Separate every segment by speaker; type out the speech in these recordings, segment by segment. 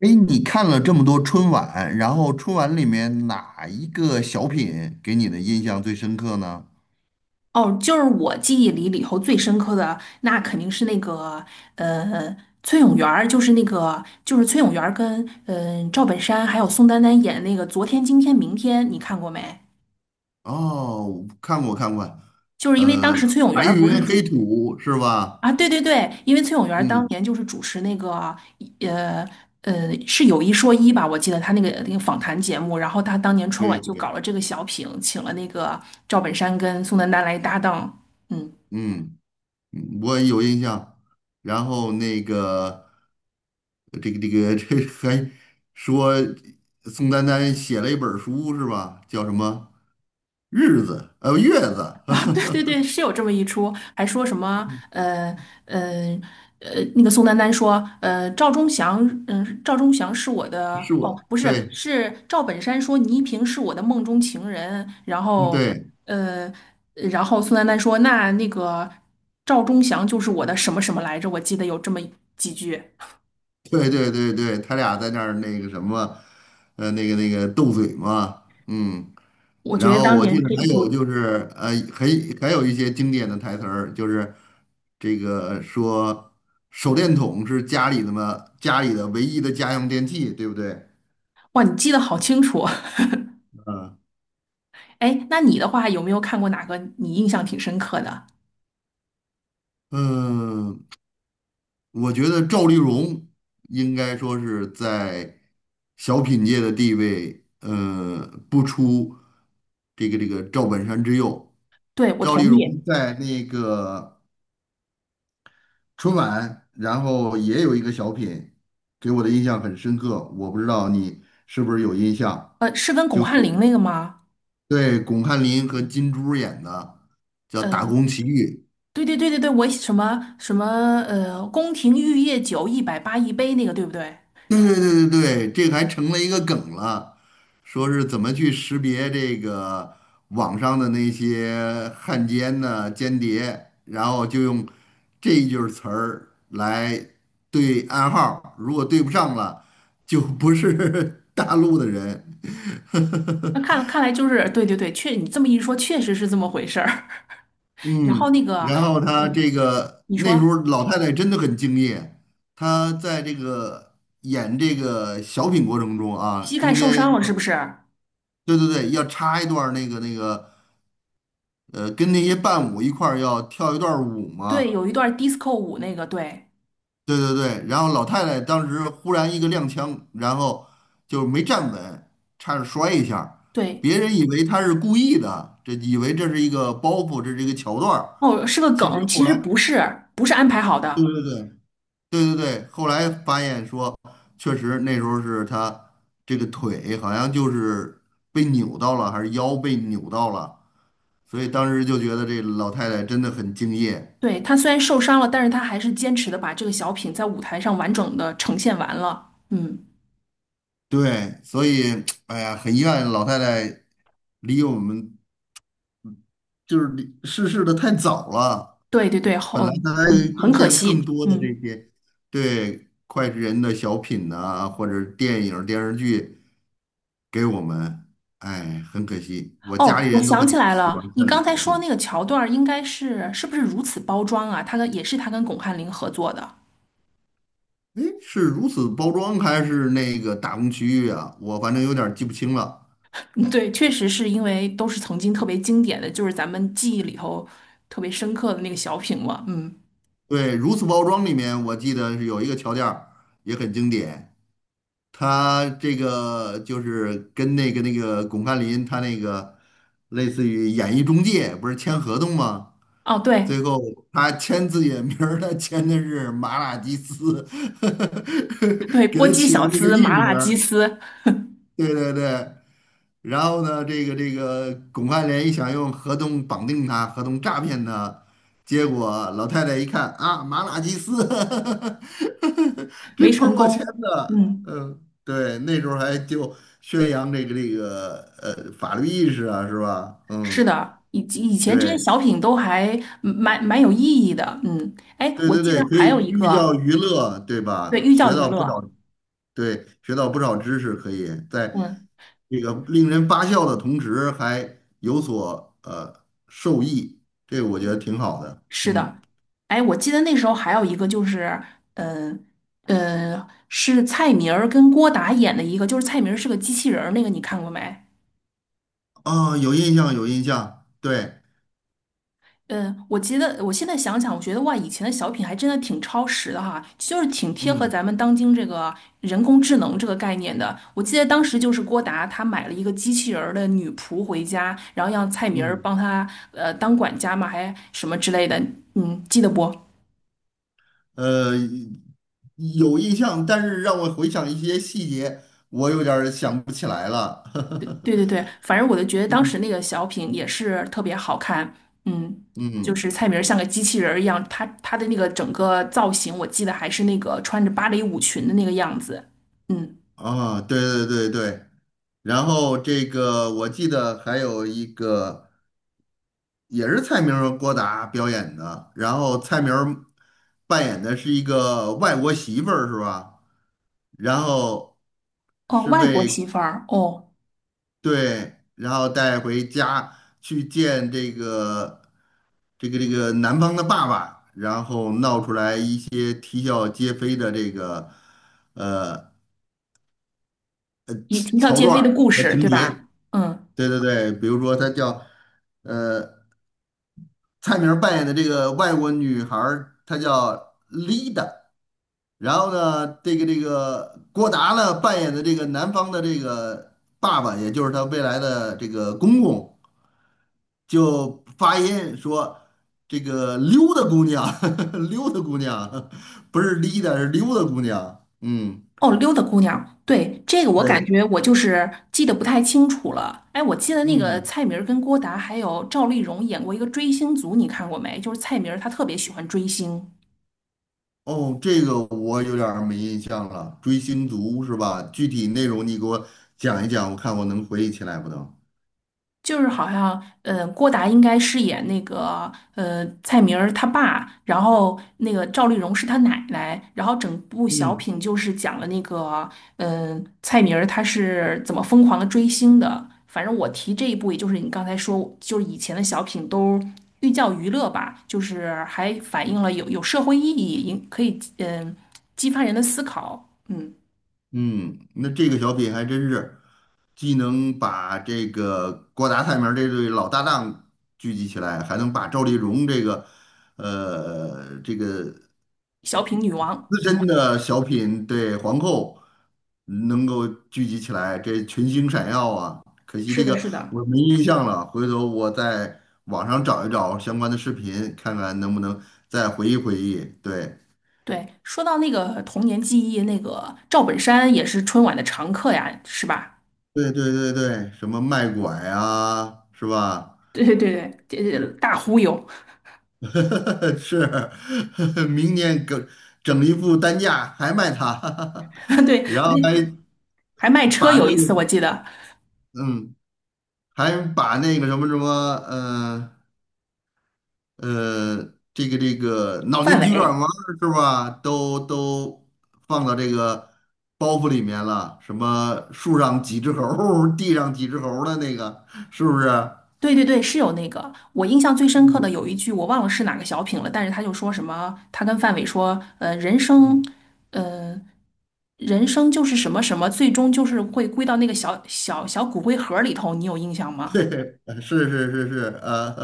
Speaker 1: 哎，你看了这么多春晚，然后春晚里面哪一个小品给你的印象最深刻呢？
Speaker 2: 哦，就是我记忆里头最深刻的，那肯定是那个呃，崔永元儿就是那个就是崔永元儿跟赵本山还有宋丹丹演的那个《昨天、今天、明天》，你看过没？
Speaker 1: 哦，看过看过，
Speaker 2: 就是因为当
Speaker 1: 呃，
Speaker 2: 时崔永元
Speaker 1: 白
Speaker 2: 儿不是
Speaker 1: 云黑
Speaker 2: 主
Speaker 1: 土是
Speaker 2: 啊，
Speaker 1: 吧？
Speaker 2: 对对对，因为崔永元儿当
Speaker 1: 嗯，
Speaker 2: 年就是主持那个呃是有一说一吧，我记得他那个访谈节目，然后他当年春
Speaker 1: 对
Speaker 2: 晚就搞
Speaker 1: 对，
Speaker 2: 了这个小品，请了那个赵本山跟宋丹丹来搭档。嗯。
Speaker 1: 嗯，嗯我有印象。然后那个这个 这还说宋丹丹写了一本书是吧？叫什么日子？月子
Speaker 2: 对对对，是有这么一出，还说什么呃那个宋丹丹说，赵忠祥是我 的，
Speaker 1: 是
Speaker 2: 哦，
Speaker 1: 我
Speaker 2: 不是，
Speaker 1: 对
Speaker 2: 是赵本山说倪萍是我的梦中情人。然
Speaker 1: 嗯
Speaker 2: 后
Speaker 1: 对。
Speaker 2: 呃，宋丹丹说，那个赵忠祥就是我的什么什么来着？我记得有这么几句。
Speaker 1: 对对对对，他俩在那儿那个什么，那个斗嘴嘛，嗯，
Speaker 2: 我觉
Speaker 1: 然
Speaker 2: 得
Speaker 1: 后
Speaker 2: 当
Speaker 1: 我
Speaker 2: 年
Speaker 1: 记得
Speaker 2: 这一
Speaker 1: 还有
Speaker 2: 部，
Speaker 1: 就是，还有一些经典的台词儿，就是这个说手电筒是家里的嘛，家里的唯一的家用电器，对不对？
Speaker 2: 哇，你记得好清楚。
Speaker 1: 嗯
Speaker 2: 哎，那你的话有没有看过哪个你印象挺深刻的？
Speaker 1: 嗯，我觉得赵丽蓉应该说是在小品界的地位，不出这个赵本山之右。
Speaker 2: 对，我
Speaker 1: 赵丽
Speaker 2: 同
Speaker 1: 蓉
Speaker 2: 意。
Speaker 1: 在那个春晚，然后也有一个小品，给我的印象很深刻。我不知道你是不是有印象，
Speaker 2: 是跟巩
Speaker 1: 就
Speaker 2: 汉林
Speaker 1: 是
Speaker 2: 那个吗？
Speaker 1: 对巩汉林和金珠演的，叫《打工
Speaker 2: 嗯、
Speaker 1: 奇遇》。
Speaker 2: 对对对对对，我什么什么宫廷玉液酒180一杯那个，对不对？
Speaker 1: 对对对对对，这个还成了一个梗了，说是怎么去识别这个网上的那些汉奸呢、间谍，然后就用这一句儿词儿来对暗号儿，如果对不上了，就不是 大陆的人。
Speaker 2: 那 看来就是对对对，你这么一说，确实是这么回事儿。然后
Speaker 1: 嗯，
Speaker 2: 那个，
Speaker 1: 然后他
Speaker 2: 嗯，
Speaker 1: 这个
Speaker 2: 你
Speaker 1: 那时
Speaker 2: 说
Speaker 1: 候老太太真的很敬业，她在这个演这个小品过程中啊，
Speaker 2: 膝盖
Speaker 1: 中
Speaker 2: 受
Speaker 1: 间。
Speaker 2: 伤了是不是？
Speaker 1: 对对对，要插一段儿那个，跟那些伴舞一块儿要跳一段儿舞
Speaker 2: 对，
Speaker 1: 嘛。
Speaker 2: 有一段 disco 舞那个，对
Speaker 1: 对对对，然后老太太当时忽然一个踉跄，然后就没站稳，差点摔一下
Speaker 2: 对，
Speaker 1: 别人以为她是故意的，这以为这是一个包袱，这是一个桥段儿
Speaker 2: 哦，是个
Speaker 1: 其实
Speaker 2: 梗，
Speaker 1: 后
Speaker 2: 其实
Speaker 1: 来，
Speaker 2: 不是，不是安排好
Speaker 1: 对
Speaker 2: 的。
Speaker 1: 对对对对对，后来发现说，确实那时候是她这个腿好像就是被扭到了，还是腰被扭到了。所以当时就觉得这老太太真的很敬业，
Speaker 2: 对，他虽然受伤了，但是他还是坚持的把这个小品在舞台上完整的呈现完了。嗯。
Speaker 1: 对，所以哎呀，很遗憾老太太离我们就是离逝世的太早了，
Speaker 2: 对对对，
Speaker 1: 本
Speaker 2: 好。
Speaker 1: 来她还
Speaker 2: 嗯，很
Speaker 1: 贡
Speaker 2: 可
Speaker 1: 献更
Speaker 2: 惜。
Speaker 1: 多的这
Speaker 2: 嗯，
Speaker 1: 些对脍炙人的小品呐、或者电影电视剧给我们，哎，很可惜，我家
Speaker 2: 哦，
Speaker 1: 里
Speaker 2: 我
Speaker 1: 人都
Speaker 2: 想
Speaker 1: 很
Speaker 2: 起来
Speaker 1: 喜欢
Speaker 2: 了，你
Speaker 1: 看的
Speaker 2: 刚
Speaker 1: 小
Speaker 2: 才说那
Speaker 1: 品，
Speaker 2: 个桥段儿应该是不是如此包装啊？也是他跟巩汉林合作的。
Speaker 1: 哎，是如此包装还是那个打工区域啊？我反正有点儿记不清了。
Speaker 2: 嗯对，确实是因为都是曾经特别经典的，就是咱们记忆里头特别深刻的那个小品嘛。嗯，
Speaker 1: 对，如此包装里面，我记得是有一个桥段儿也很经典，他这个就是跟那个巩汉林他那个类似于演艺中介，不是签合同吗？
Speaker 2: 哦，对
Speaker 1: 最后他签自己的名儿，他签的是马拉基斯，
Speaker 2: 对，
Speaker 1: 给
Speaker 2: 波
Speaker 1: 他
Speaker 2: 鸡
Speaker 1: 起的
Speaker 2: 小
Speaker 1: 那个
Speaker 2: 丝、
Speaker 1: 艺
Speaker 2: 麻
Speaker 1: 名。
Speaker 2: 辣鸡丝
Speaker 1: 对对对。然后呢，这个巩汉林想用合同绑定他，合同诈骗他，结果老太太一看啊，马拉基斯，这
Speaker 2: 没
Speaker 1: 不是
Speaker 2: 成
Speaker 1: 我签
Speaker 2: 功。
Speaker 1: 的，
Speaker 2: 嗯，
Speaker 1: 嗯，对，那时候还就宣扬这个法律意识啊，是吧？
Speaker 2: 是
Speaker 1: 嗯，
Speaker 2: 的。以及以前这些
Speaker 1: 对
Speaker 2: 小品都还蛮有意义的。嗯，哎，
Speaker 1: 对
Speaker 2: 我
Speaker 1: 对
Speaker 2: 记得
Speaker 1: 对，可
Speaker 2: 还
Speaker 1: 以
Speaker 2: 有一
Speaker 1: 寓
Speaker 2: 个。
Speaker 1: 教于乐，对
Speaker 2: 对，
Speaker 1: 吧？
Speaker 2: 寓教
Speaker 1: 学
Speaker 2: 于
Speaker 1: 到不少
Speaker 2: 乐。
Speaker 1: 对，学到不少知识，可以在
Speaker 2: 嗯。
Speaker 1: 这个令人发笑的同时，还有所受益，这个我觉得挺好的。
Speaker 2: 是
Speaker 1: 嗯，
Speaker 2: 的。哎，我记得那时候还有一个就是，嗯是蔡明儿跟郭达演的一个，就是蔡明儿是个机器人儿，那个你看过没？
Speaker 1: 啊、有印象，有印象，对，
Speaker 2: 嗯，我记得我现在想想，我觉得哇，以前的小品还真的挺超时的哈，就是挺贴合
Speaker 1: 嗯
Speaker 2: 咱们当今这个人工智能这个概念的。我记得当时就是郭达他买了一个机器人儿的女仆回家，然后让蔡明儿
Speaker 1: 嗯，
Speaker 2: 帮他当管家嘛，还什么之类的。嗯，记得不？
Speaker 1: 呃，有印象，但是让我回想一些细节，我有点儿想不起来了。
Speaker 2: 对对对，反正我就觉得当时
Speaker 1: 嗯
Speaker 2: 那个小品也是特别好看。嗯，就
Speaker 1: 嗯，
Speaker 2: 是蔡明儿像个机器人儿一样，他的那个整个造型，我记得还是那个穿着芭蕾舞裙的那个样子。嗯，
Speaker 1: 啊，对对对对，然后这个我记得还有一个。也是蔡明儿和郭达表演的，然后蔡明儿扮演的是一个外国媳妇儿，是吧？然后
Speaker 2: 哦，
Speaker 1: 是
Speaker 2: 外国
Speaker 1: 被
Speaker 2: 媳妇儿。哦，
Speaker 1: 对，然后带回家去见这个男方的爸爸，然后闹出来一些啼笑皆非的这个呃
Speaker 2: 一条
Speaker 1: 桥
Speaker 2: 街
Speaker 1: 段
Speaker 2: 飞的
Speaker 1: 儿
Speaker 2: 故
Speaker 1: 和
Speaker 2: 事，
Speaker 1: 情
Speaker 2: 对
Speaker 1: 节。
Speaker 2: 吧？嗯，
Speaker 1: 对对对，比如说他叫。呃。蔡明儿扮演的这个外国女孩儿她叫 Lida，然后呢，这个郭达呢扮演的这个男方的这个爸爸，也就是他未来的这个公公，就发音说这个溜达姑娘，溜达姑娘，不是 Lida，是溜达姑娘。嗯，
Speaker 2: 哦，溜达姑娘。对，这个我
Speaker 1: 对
Speaker 2: 感
Speaker 1: 的，
Speaker 2: 觉我就是记得不太清楚了。哎，我记得那个
Speaker 1: 嗯，
Speaker 2: 蔡明儿跟郭达还有赵丽蓉演过一个《追星族》，你看过没？就是蔡明儿他特别喜欢追星。
Speaker 1: 哦，这个我有点儿没印象了，《追星族》是吧？具体内容你给我讲一讲，我看我能回忆起来不能？
Speaker 2: 就是好像，郭达应该饰演那个，蔡明儿他爸，然后那个赵丽蓉是他奶奶，然后整部小
Speaker 1: 嗯。
Speaker 2: 品就是讲了那个，蔡明儿他是怎么疯狂的追星的。反正我提这一部，也就是你刚才说，就是以前的小品都寓教于乐吧，就是还反映了有社会意义，也可以激发人的思考。嗯，
Speaker 1: 嗯，那这个小品还真是既能把这个郭达、蔡明儿这对老搭档聚集起来，还能把赵丽蓉这个
Speaker 2: 小品女王。
Speaker 1: 资深的小品对皇后能够聚集起来，这群星闪耀啊！可惜
Speaker 2: 是
Speaker 1: 这
Speaker 2: 的，
Speaker 1: 个
Speaker 2: 是的。
Speaker 1: 我没印象了，回头我在网上找一找相关的视频，看看能不能再回忆回忆。对，
Speaker 2: 对，说到那个童年记忆，那个赵本山也是春晚的常客呀，是吧？
Speaker 1: 对对对对，什么卖拐啊，是吧？
Speaker 2: 对对对对，这大忽悠。
Speaker 1: 是，明年整整一副担架还卖它，
Speaker 2: 对，
Speaker 1: 然
Speaker 2: 我
Speaker 1: 后还
Speaker 2: 这还卖车
Speaker 1: 把
Speaker 2: 有
Speaker 1: 那
Speaker 2: 一次我
Speaker 1: 个
Speaker 2: 记得，
Speaker 1: 嗯，还把那个什么什么呃呃，这个脑
Speaker 2: 范
Speaker 1: 筋急转
Speaker 2: 伟。
Speaker 1: 弯儿是吧？都放到这个包袱里面了，什么树上几只猴儿地上几只猴儿的那个，是不是？
Speaker 2: 对对对，是有那个。我印象最深刻的
Speaker 1: 嗯
Speaker 2: 有一句我忘了是哪个小品了，但是他就说什么，他跟范伟说，
Speaker 1: 嗯，
Speaker 2: 呃，人生就是什么什么，最终就是会归到那个小骨灰盒里头，你有印象 吗？
Speaker 1: 对，是是是是啊，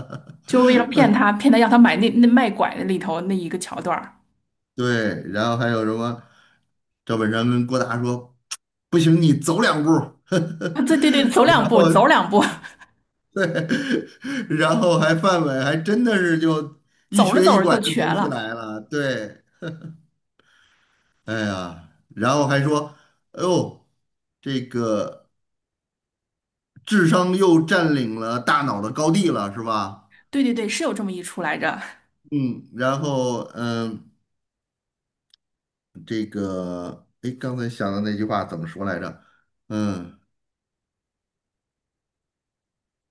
Speaker 2: 就为了骗他，骗他让他买那卖拐的里头那一个桥段儿。
Speaker 1: 对，然后还有什么？赵本山跟郭达说："不行，你走两步 儿。"
Speaker 2: 啊，对对对，走
Speaker 1: 然
Speaker 2: 两步，
Speaker 1: 后
Speaker 2: 走两步。
Speaker 1: 对，然后还范伟还真的是就一
Speaker 2: 走着
Speaker 1: 瘸一
Speaker 2: 走着
Speaker 1: 拐
Speaker 2: 就
Speaker 1: 的
Speaker 2: 瘸
Speaker 1: 走起
Speaker 2: 了。
Speaker 1: 来了。对，哎呀，然后还说："哎呦，这个智商又占领了大脑的高地了，是吧？"
Speaker 2: 对对对，是有这么一出来着。
Speaker 1: 嗯，然后这个哎，刚才想的那句话怎么说来着？嗯。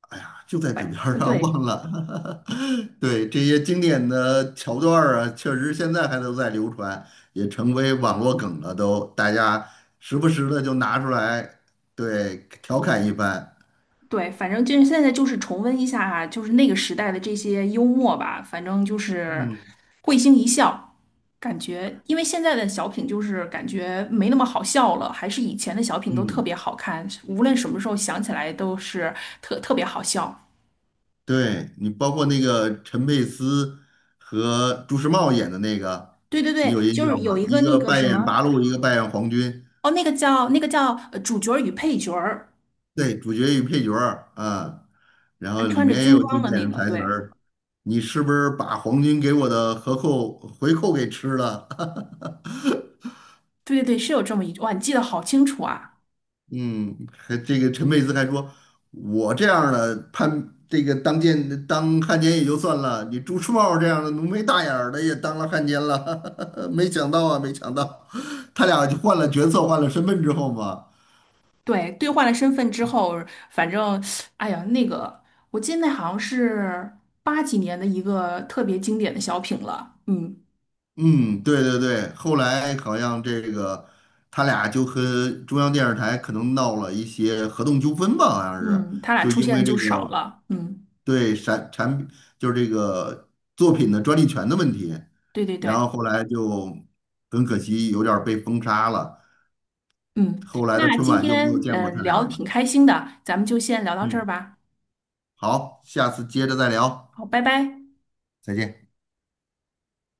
Speaker 1: 哎呀，就在嘴
Speaker 2: 反
Speaker 1: 边儿上
Speaker 2: 对
Speaker 1: 忘了。对，这些经典的桥段儿啊，确实现在还都在流传，也成为网络梗了都，大家时不时的就拿出来，对，调侃一番。
Speaker 2: 对，反正就是现在就是重温一下啊，就是那个时代的这些幽默吧。反正就是
Speaker 1: 嗯
Speaker 2: 会心一笑，感觉因为现在的小品就是感觉没那么好笑了，还是以前的小品都特
Speaker 1: 嗯，
Speaker 2: 别好看，无论什么时候想起来都是特别好笑。
Speaker 1: 对你包括那个陈佩斯和朱时茂演的那个，
Speaker 2: 对对
Speaker 1: 你有
Speaker 2: 对，
Speaker 1: 印
Speaker 2: 就是
Speaker 1: 象
Speaker 2: 有
Speaker 1: 吗？
Speaker 2: 一个
Speaker 1: 一
Speaker 2: 那
Speaker 1: 个
Speaker 2: 个
Speaker 1: 扮
Speaker 2: 什
Speaker 1: 演
Speaker 2: 么。
Speaker 1: 八路，一个扮演皇军。
Speaker 2: 哦，那个叫主角儿与配角儿，
Speaker 1: 对，主角与配角儿啊，然
Speaker 2: 还
Speaker 1: 后里
Speaker 2: 穿着
Speaker 1: 面也
Speaker 2: 军
Speaker 1: 有
Speaker 2: 装
Speaker 1: 经
Speaker 2: 的
Speaker 1: 典
Speaker 2: 那
Speaker 1: 的
Speaker 2: 个，
Speaker 1: 台词
Speaker 2: 对。
Speaker 1: 儿。你是不是把皇军给我的合扣回扣给吃了？
Speaker 2: 对对对，是有这么一句。哇，你记得好清楚啊！
Speaker 1: 嗯，还这个陈佩斯还说，我这样儿的叛，这个当奸当汉奸也就算了，你朱时茂这样的浓眉大眼儿的也当了汉奸了，没想到啊，没想到，他俩就换了角色，换了身份之后嘛，
Speaker 2: 对，兑换了身份之后。反正，哎呀，那个，我记得那好像是八几年的一个特别经典的小品了。嗯。
Speaker 1: 嗯，对对对，后来好像这个他俩就和中央电视台可能闹了一些合同纠纷吧，好像是，
Speaker 2: 嗯，他俩
Speaker 1: 就
Speaker 2: 出
Speaker 1: 因
Speaker 2: 现
Speaker 1: 为
Speaker 2: 的
Speaker 1: 这
Speaker 2: 就少
Speaker 1: 个
Speaker 2: 了。嗯，
Speaker 1: 对产品就是这个作品的专利权的问题，
Speaker 2: 对对对。
Speaker 1: 然后后来就很可惜有点儿被封杀了，
Speaker 2: 嗯，
Speaker 1: 后来的
Speaker 2: 那
Speaker 1: 春
Speaker 2: 今
Speaker 1: 晚就没有
Speaker 2: 天
Speaker 1: 见过他
Speaker 2: 聊
Speaker 1: 俩
Speaker 2: 的
Speaker 1: 了。
Speaker 2: 挺开心的，咱们就先聊到这儿
Speaker 1: 嗯，
Speaker 2: 吧。
Speaker 1: 好，下次接着再聊，
Speaker 2: 好，拜拜。
Speaker 1: 再见。